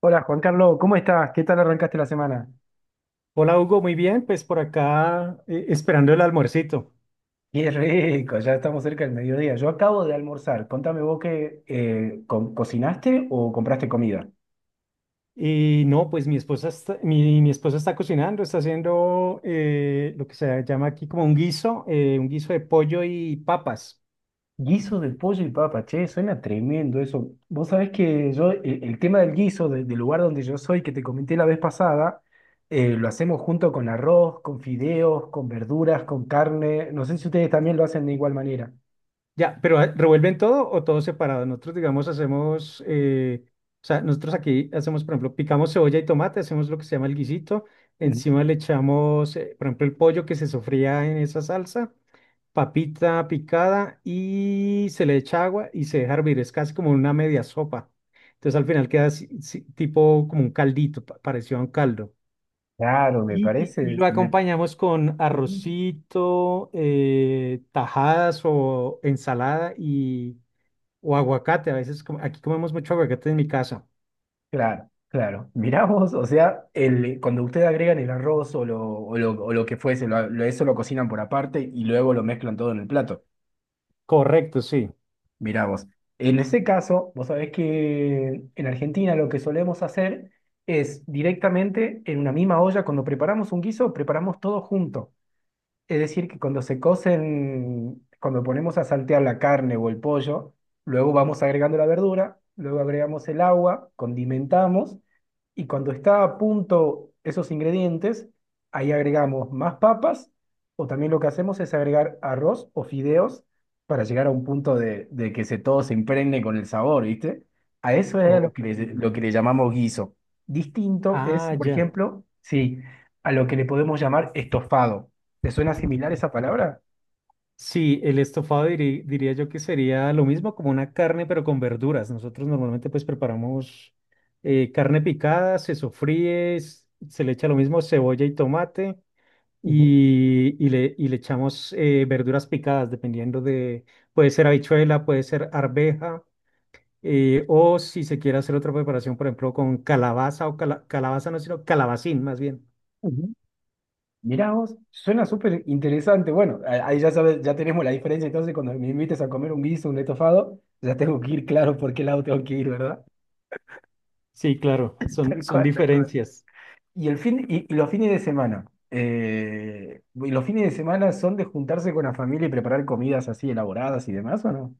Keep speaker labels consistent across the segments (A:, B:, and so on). A: Hola Juan Carlos, ¿cómo estás? ¿Qué tal arrancaste la semana?
B: Hola Hugo, muy bien, pues por acá esperando el almuercito.
A: Qué rico, ya estamos cerca del mediodía. Yo acabo de almorzar. Contame vos qué cocinaste o compraste comida.
B: Y no, pues mi esposa está, mi esposa está cocinando, está haciendo lo que se llama aquí como un guiso de pollo y papas.
A: Guiso de pollo y papa, che, suena tremendo eso. Vos sabés que yo, el tema del guiso, del lugar donde yo soy, que te comenté la vez pasada, lo hacemos junto con arroz, con fideos, con verduras, con carne. No sé si ustedes también lo hacen de igual manera.
B: Ya, pero ¿revuelven todo o todo separado? Nosotros, digamos, hacemos, o sea, nosotros aquí hacemos, por ejemplo, picamos cebolla y tomate, hacemos lo que se llama el guisito,
A: Ujú.
B: encima le echamos, por ejemplo, el pollo que se sofría en esa salsa. Papita picada y se le echa agua y se deja hervir. Es casi como una media sopa. Entonces al final queda así, sí, tipo como un caldito, parecido a un caldo.
A: Claro, me
B: Y
A: parece.
B: lo acompañamos con
A: me-
B: arrocito, tajadas o ensalada y, o aguacate. A veces aquí comemos mucho aguacate en mi casa.
A: Claro, claro. Mirá vos, o sea, el, cuando ustedes agregan el arroz o lo que fuese, eso lo cocinan por aparte y luego lo mezclan todo en el plato.
B: Correcto, sí.
A: Mirá vos. En ese caso, vos sabés que en Argentina lo que solemos hacer es directamente en una misma olla, cuando preparamos un guiso, preparamos todo junto. Es decir, que cuando se cocen, cuando ponemos a saltear la carne o el pollo, luego vamos agregando la verdura, luego agregamos el agua, condimentamos y cuando está a punto esos ingredientes, ahí agregamos más papas o también lo que hacemos es agregar arroz o fideos para llegar a un punto de que se, todo se impregne con el sabor, ¿viste? A eso es a
B: Ok.
A: lo que le llamamos guiso. Distinto es,
B: Ah,
A: por
B: ya.
A: ejemplo, sí, a lo que le podemos llamar estofado. ¿Te suena similar esa palabra?
B: Sí, el estofado diría yo que sería lo mismo como una carne, pero con verduras. Nosotros normalmente pues preparamos carne picada, se sofríe, se le echa lo mismo cebolla y tomate
A: Ujú,
B: y, y le echamos verduras picadas, dependiendo de, puede ser habichuela, puede ser arveja, o si se quiere hacer otra preparación, por ejemplo, con calabaza o calabaza no, sino calabacín más bien.
A: ujú. Mirá vos, suena súper interesante. Bueno, ahí ya sabes, ya tenemos la diferencia. Entonces, cuando me invites a comer un guiso, un estofado, ya tengo que ir claro por qué lado tengo que ir, ¿verdad?
B: Sí, claro, son,
A: Tal
B: son
A: cual, tal cual.
B: diferencias.
A: Y, el fin, y los fines de semana. ¿Y los fines de semana son de juntarse con la familia y preparar comidas así elaboradas y demás, o no?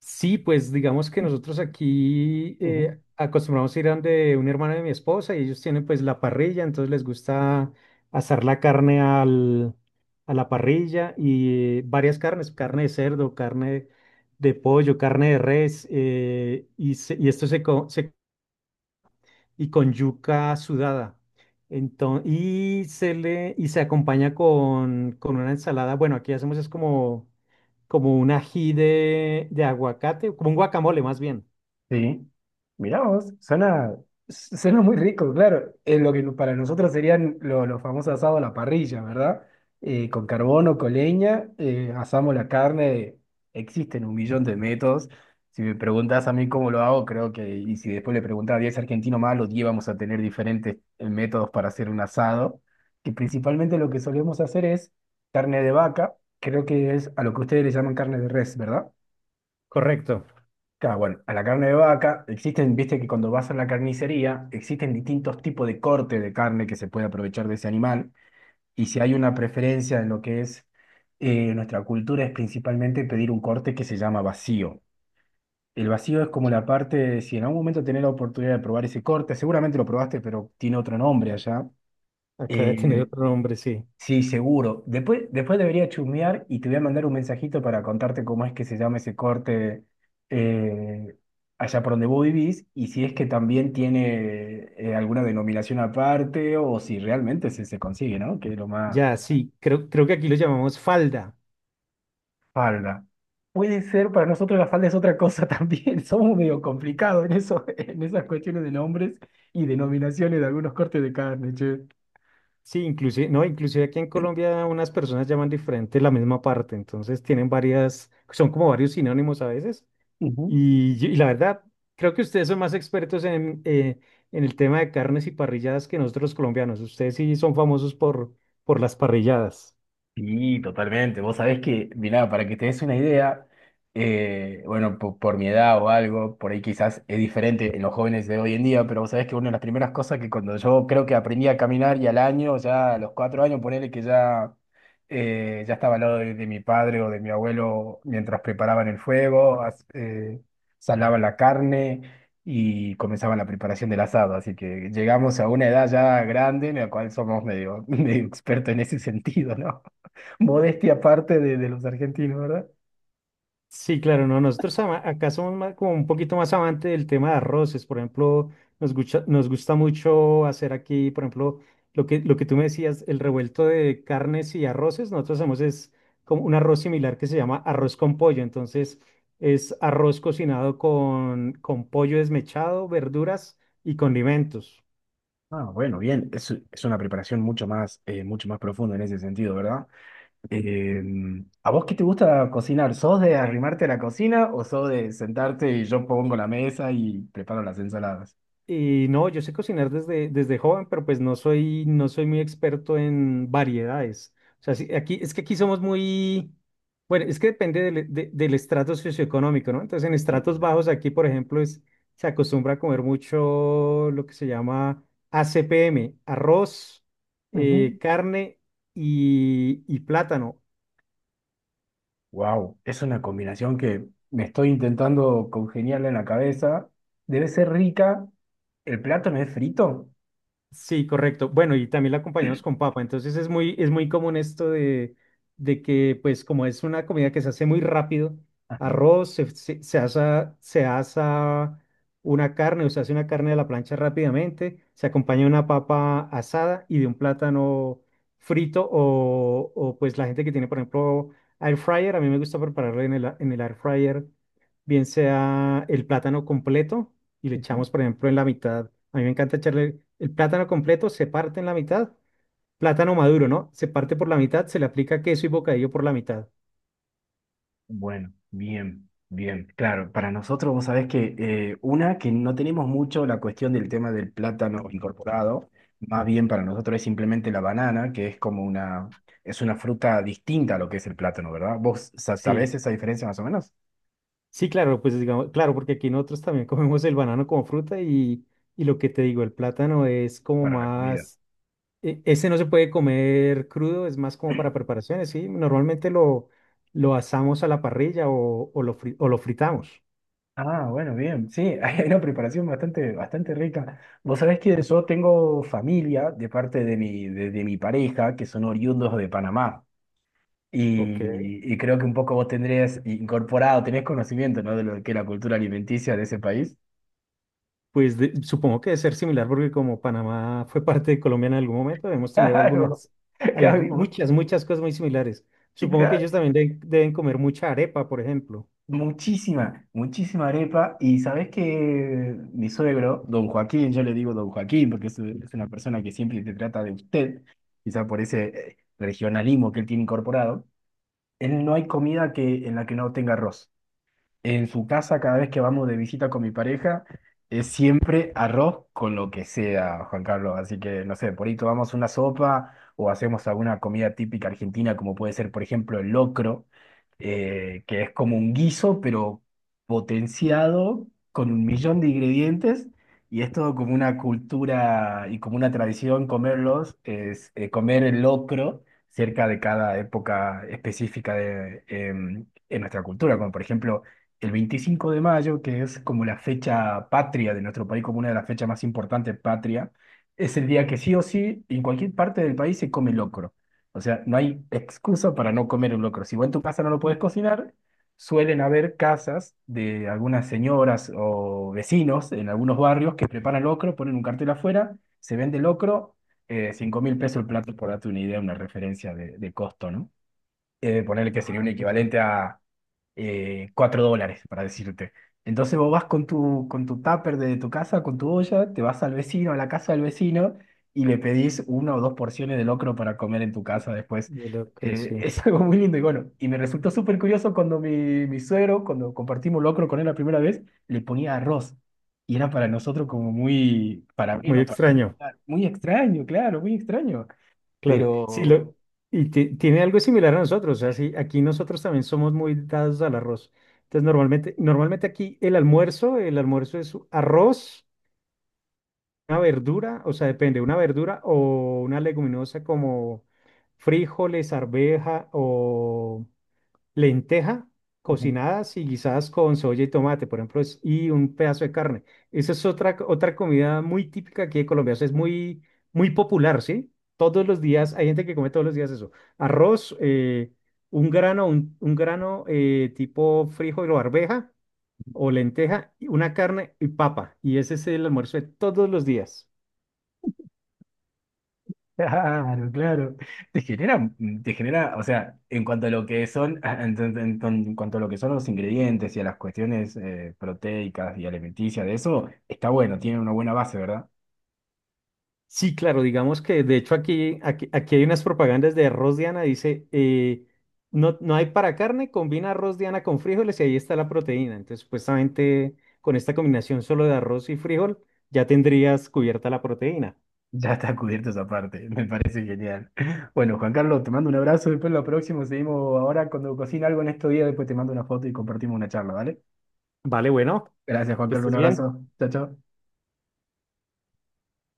B: Sí, pues digamos que nosotros aquí
A: Ujú.
B: acostumbramos a ir a donde un hermano de mi esposa y ellos tienen pues la parrilla, entonces les gusta asar la carne al, a la parrilla y varias carnes, carne de cerdo, carne de pollo, carne de res, y esto se y con yuca sudada. Entonces, y se acompaña con una ensalada. Bueno, aquí hacemos es como, como un ají de aguacate, como un guacamole más bien.
A: Sí, mirá vos, suena muy rico, claro. Es lo que no, para nosotros serían los famosos asados a la parrilla, ¿verdad? Con carbón o con leña, asamos la carne. Existen un millón de métodos. Si me preguntas a mí cómo lo hago, creo que, y si después le preguntas a 10 argentinos más, los 10 vamos a tener diferentes métodos para hacer un asado. Que principalmente lo que solemos hacer es carne de vaca, creo que es a lo que ustedes le llaman carne de res, ¿verdad?
B: Correcto.
A: Claro, bueno, a la carne de vaca existen, viste que cuando vas a la carnicería existen distintos tipos de corte de carne que se puede aprovechar de ese animal. Y si hay una preferencia en lo que es nuestra cultura es principalmente pedir un corte que se llama vacío. El vacío es como la parte, si en algún momento tenés la oportunidad de probar ese corte, seguramente lo probaste, pero tiene otro nombre allá.
B: Acá de tener
A: eh,
B: otro nombre, sí.
A: Sí, seguro. Después, después debería chusmear y te voy a mandar un mensajito para contarte cómo es que se llama ese corte eh, allá por donde vos vivís y si es que también tiene alguna denominación aparte o si realmente se, se consigue, ¿no? Que es lo más.
B: Ya, sí, creo que aquí lo llamamos falda.
A: Falda. Puede ser, para nosotros la falda es otra cosa también. Somos medio complicados en eso, en esas cuestiones de nombres y denominaciones de algunos cortes de carne, che.
B: Sí, inclusive, no, inclusive aquí en Colombia unas personas llaman diferente la misma parte, entonces tienen varias, son como varios sinónimos a veces.
A: Ujú.
B: Y la verdad, creo que ustedes son más expertos en el tema de carnes y parrilladas que nosotros los colombianos. Ustedes sí son famosos por las parrilladas.
A: Sí, totalmente. Vos sabés que, mirá, para que te des una idea, bueno, por, mi edad o algo, por ahí quizás es diferente en los jóvenes de hoy en día, pero vos sabés que una de las primeras cosas que cuando yo creo que aprendí a caminar y al año, ya a los 4 años, ponele que ya, ya estaba al lado de mi padre o de mi abuelo mientras preparaban el fuego, salaban la carne y comenzaban la preparación del asado. Así que llegamos a una edad ya grande en la cual somos medio, medio expertos en ese sentido, ¿no? Modestia aparte de los argentinos, ¿verdad?
B: Sí, claro, no, nosotros acá somos más, como un poquito más amante del tema de arroces, por ejemplo, nos gusta mucho hacer aquí, por ejemplo, lo que tú me decías, el revuelto de carnes y arroces, nosotros hacemos es como un arroz similar que se llama arroz con pollo, entonces es arroz cocinado con pollo desmechado, verduras y condimentos.
A: Ah, bueno, bien, es una preparación mucho más profunda en ese sentido, ¿verdad? Eh, ¿A vos qué te gusta cocinar? ¿Sos de arrimarte a la cocina o sos de sentarte y yo pongo la mesa y preparo las ensaladas?
B: Y no, yo sé cocinar desde joven, pero pues no soy muy experto en variedades. O sea, sí, aquí, es que aquí somos muy, bueno, es que depende del estrato socioeconómico, ¿no? Entonces, en
A: Sí.
B: estratos bajos aquí, por ejemplo, es, se acostumbra a comer mucho lo que se llama ACPM, arroz,
A: Ujú.
B: carne y plátano.
A: Wow, es una combinación que me estoy intentando congeniarla en la cabeza. Debe ser rica. ¿El plátano es frito?
B: Sí, correcto. Bueno, y también la acompañamos con papa. Entonces es muy común esto de que, pues, como es una comida que se hace muy rápido,
A: Ajá.
B: arroz, se asa una carne o se hace una carne de la plancha rápidamente, se acompaña de una papa asada y de un plátano frito o pues la gente que tiene, por ejemplo, air fryer. A mí me gusta prepararlo en en el air fryer bien sea el plátano completo y le
A: Ujú.
B: echamos, por ejemplo, en la mitad. A mí me encanta echarle el plátano completo, se parte en la mitad, plátano maduro, ¿no? Se parte por la mitad, se le aplica queso y bocadillo por la mitad.
A: Bueno, bien, bien. Claro, para nosotros vos sabés que una que no tenemos mucho la cuestión del tema del plátano incorporado, más bien para nosotros es simplemente la banana, que es una fruta distinta a lo que es el plátano, ¿verdad? ¿Vos
B: Sí,
A: sabés esa diferencia más o menos?
B: sí, claro, pues digamos, claro, porque aquí nosotros también comemos el banano como fruta y lo que te digo, el plátano es como
A: Para la comida.
B: más, ese no se puede comer crudo, es más como para preparaciones, ¿sí? Normalmente lo asamos a la parrilla o lo, o lo fritamos.
A: Ah, bueno, bien, sí, hay una preparación bastante, bastante rica. Vos sabés que yo tengo familia de parte de mi pareja que son oriundos de Panamá.
B: Ok.
A: Y creo que un poco vos tendrías incorporado, tenés conocimiento, ¿no? De lo que es la cultura alimenticia de ese país.
B: Pues supongo que debe ser similar porque como Panamá fue parte de Colombia en algún momento, debemos tener
A: Claro,
B: algunas,
A: claro,
B: muchas, muchas cosas muy similares.
A: y
B: Supongo que
A: claro,
B: ellos también deben comer mucha arepa, por ejemplo.
A: muchísima, muchísima arepa. Y sabés que mi suegro, don Joaquín, yo le digo don Joaquín porque es una persona que siempre te trata de usted, quizá por ese regionalismo que él tiene incorporado, él no hay comida que, en la que no tenga arroz. En su casa, cada vez que vamos de visita con mi pareja, es siempre arroz con lo que sea, Juan Carlos. Así que, no sé, por ahí tomamos una sopa o hacemos alguna comida típica argentina, como puede ser, por ejemplo, el locro, que es como un guiso, pero potenciado con un millón de ingredientes. Y es todo como una cultura y como una tradición comerlos, es, comer el locro cerca de cada época específica en nuestra cultura, como por ejemplo el 25 de mayo, que es como la fecha patria de nuestro país, como una de las fechas más importantes patria, es el día que sí o sí, en cualquier parte del país se come locro. O sea, no hay excusa para no comer un locro. Si vos en tu casa no lo podés
B: Y,
A: cocinar, suelen haber casas de algunas señoras o vecinos en algunos barrios que preparan locro, ponen un cartel afuera, se vende locro, 5 mil pesos el plato, por darte una idea, una referencia de costo, ¿no? Ponerle que sería un
B: ah, yo,
A: equivalente a US$4, para decirte. Entonces vos vas con tu tupper de tu casa, con tu olla, te vas al vecino, a la casa del vecino, y le pedís una o dos porciones de locro para comer en tu casa después.
B: yo lo creo, sí.
A: Es algo muy lindo y bueno, y me resultó súper curioso cuando mi suegro, cuando compartimos locro con él la primera vez, le ponía arroz. Y era para nosotros como muy, para mí en
B: Muy
A: lo
B: extraño,
A: particular, muy extraño, claro, muy extraño.
B: claro. Sí,
A: Pero.
B: lo, y tiene algo similar a nosotros, o sea, sí, aquí nosotros también somos muy dados al arroz. Entonces, normalmente aquí el almuerzo es arroz. Una verdura, o sea, depende, una verdura o una leguminosa como frijoles, arveja o lenteja cocinadas y guisadas con soya y tomate, por ejemplo, y un pedazo de carne. Esa es otra, otra comida muy típica aquí de Colombia, o sea, es muy, muy popular, ¿sí? Todos los días, hay gente que come todos los días eso. Arroz, un grano, un grano tipo frijol o arveja o lenteja, y una carne y papa. Y ese es el almuerzo de todos los días.
A: Claro, claro. Te genera, te genera, o sea, en cuanto a lo que son, en cuanto a lo que son los ingredientes y a las cuestiones proteicas y alimenticias de eso, está bueno, tiene una buena base, ¿verdad?
B: Sí, claro, digamos que de hecho aquí hay unas propagandas de arroz Diana, dice, no, no hay para carne, combina arroz Diana con frijoles y ahí está la proteína. Entonces, supuestamente con esta combinación solo de arroz y frijol, ya tendrías cubierta la proteína.
A: Ya está cubierto esa parte, me parece genial. Bueno, Juan Carlos, te mando un abrazo, después lo próximo seguimos ahora cuando cocina algo en estos días, después te mando una foto y compartimos una charla, ¿vale?
B: Vale, bueno,
A: Gracias, Juan
B: que
A: Carlos,
B: estés
A: un
B: bien.
A: abrazo. Chao, chao.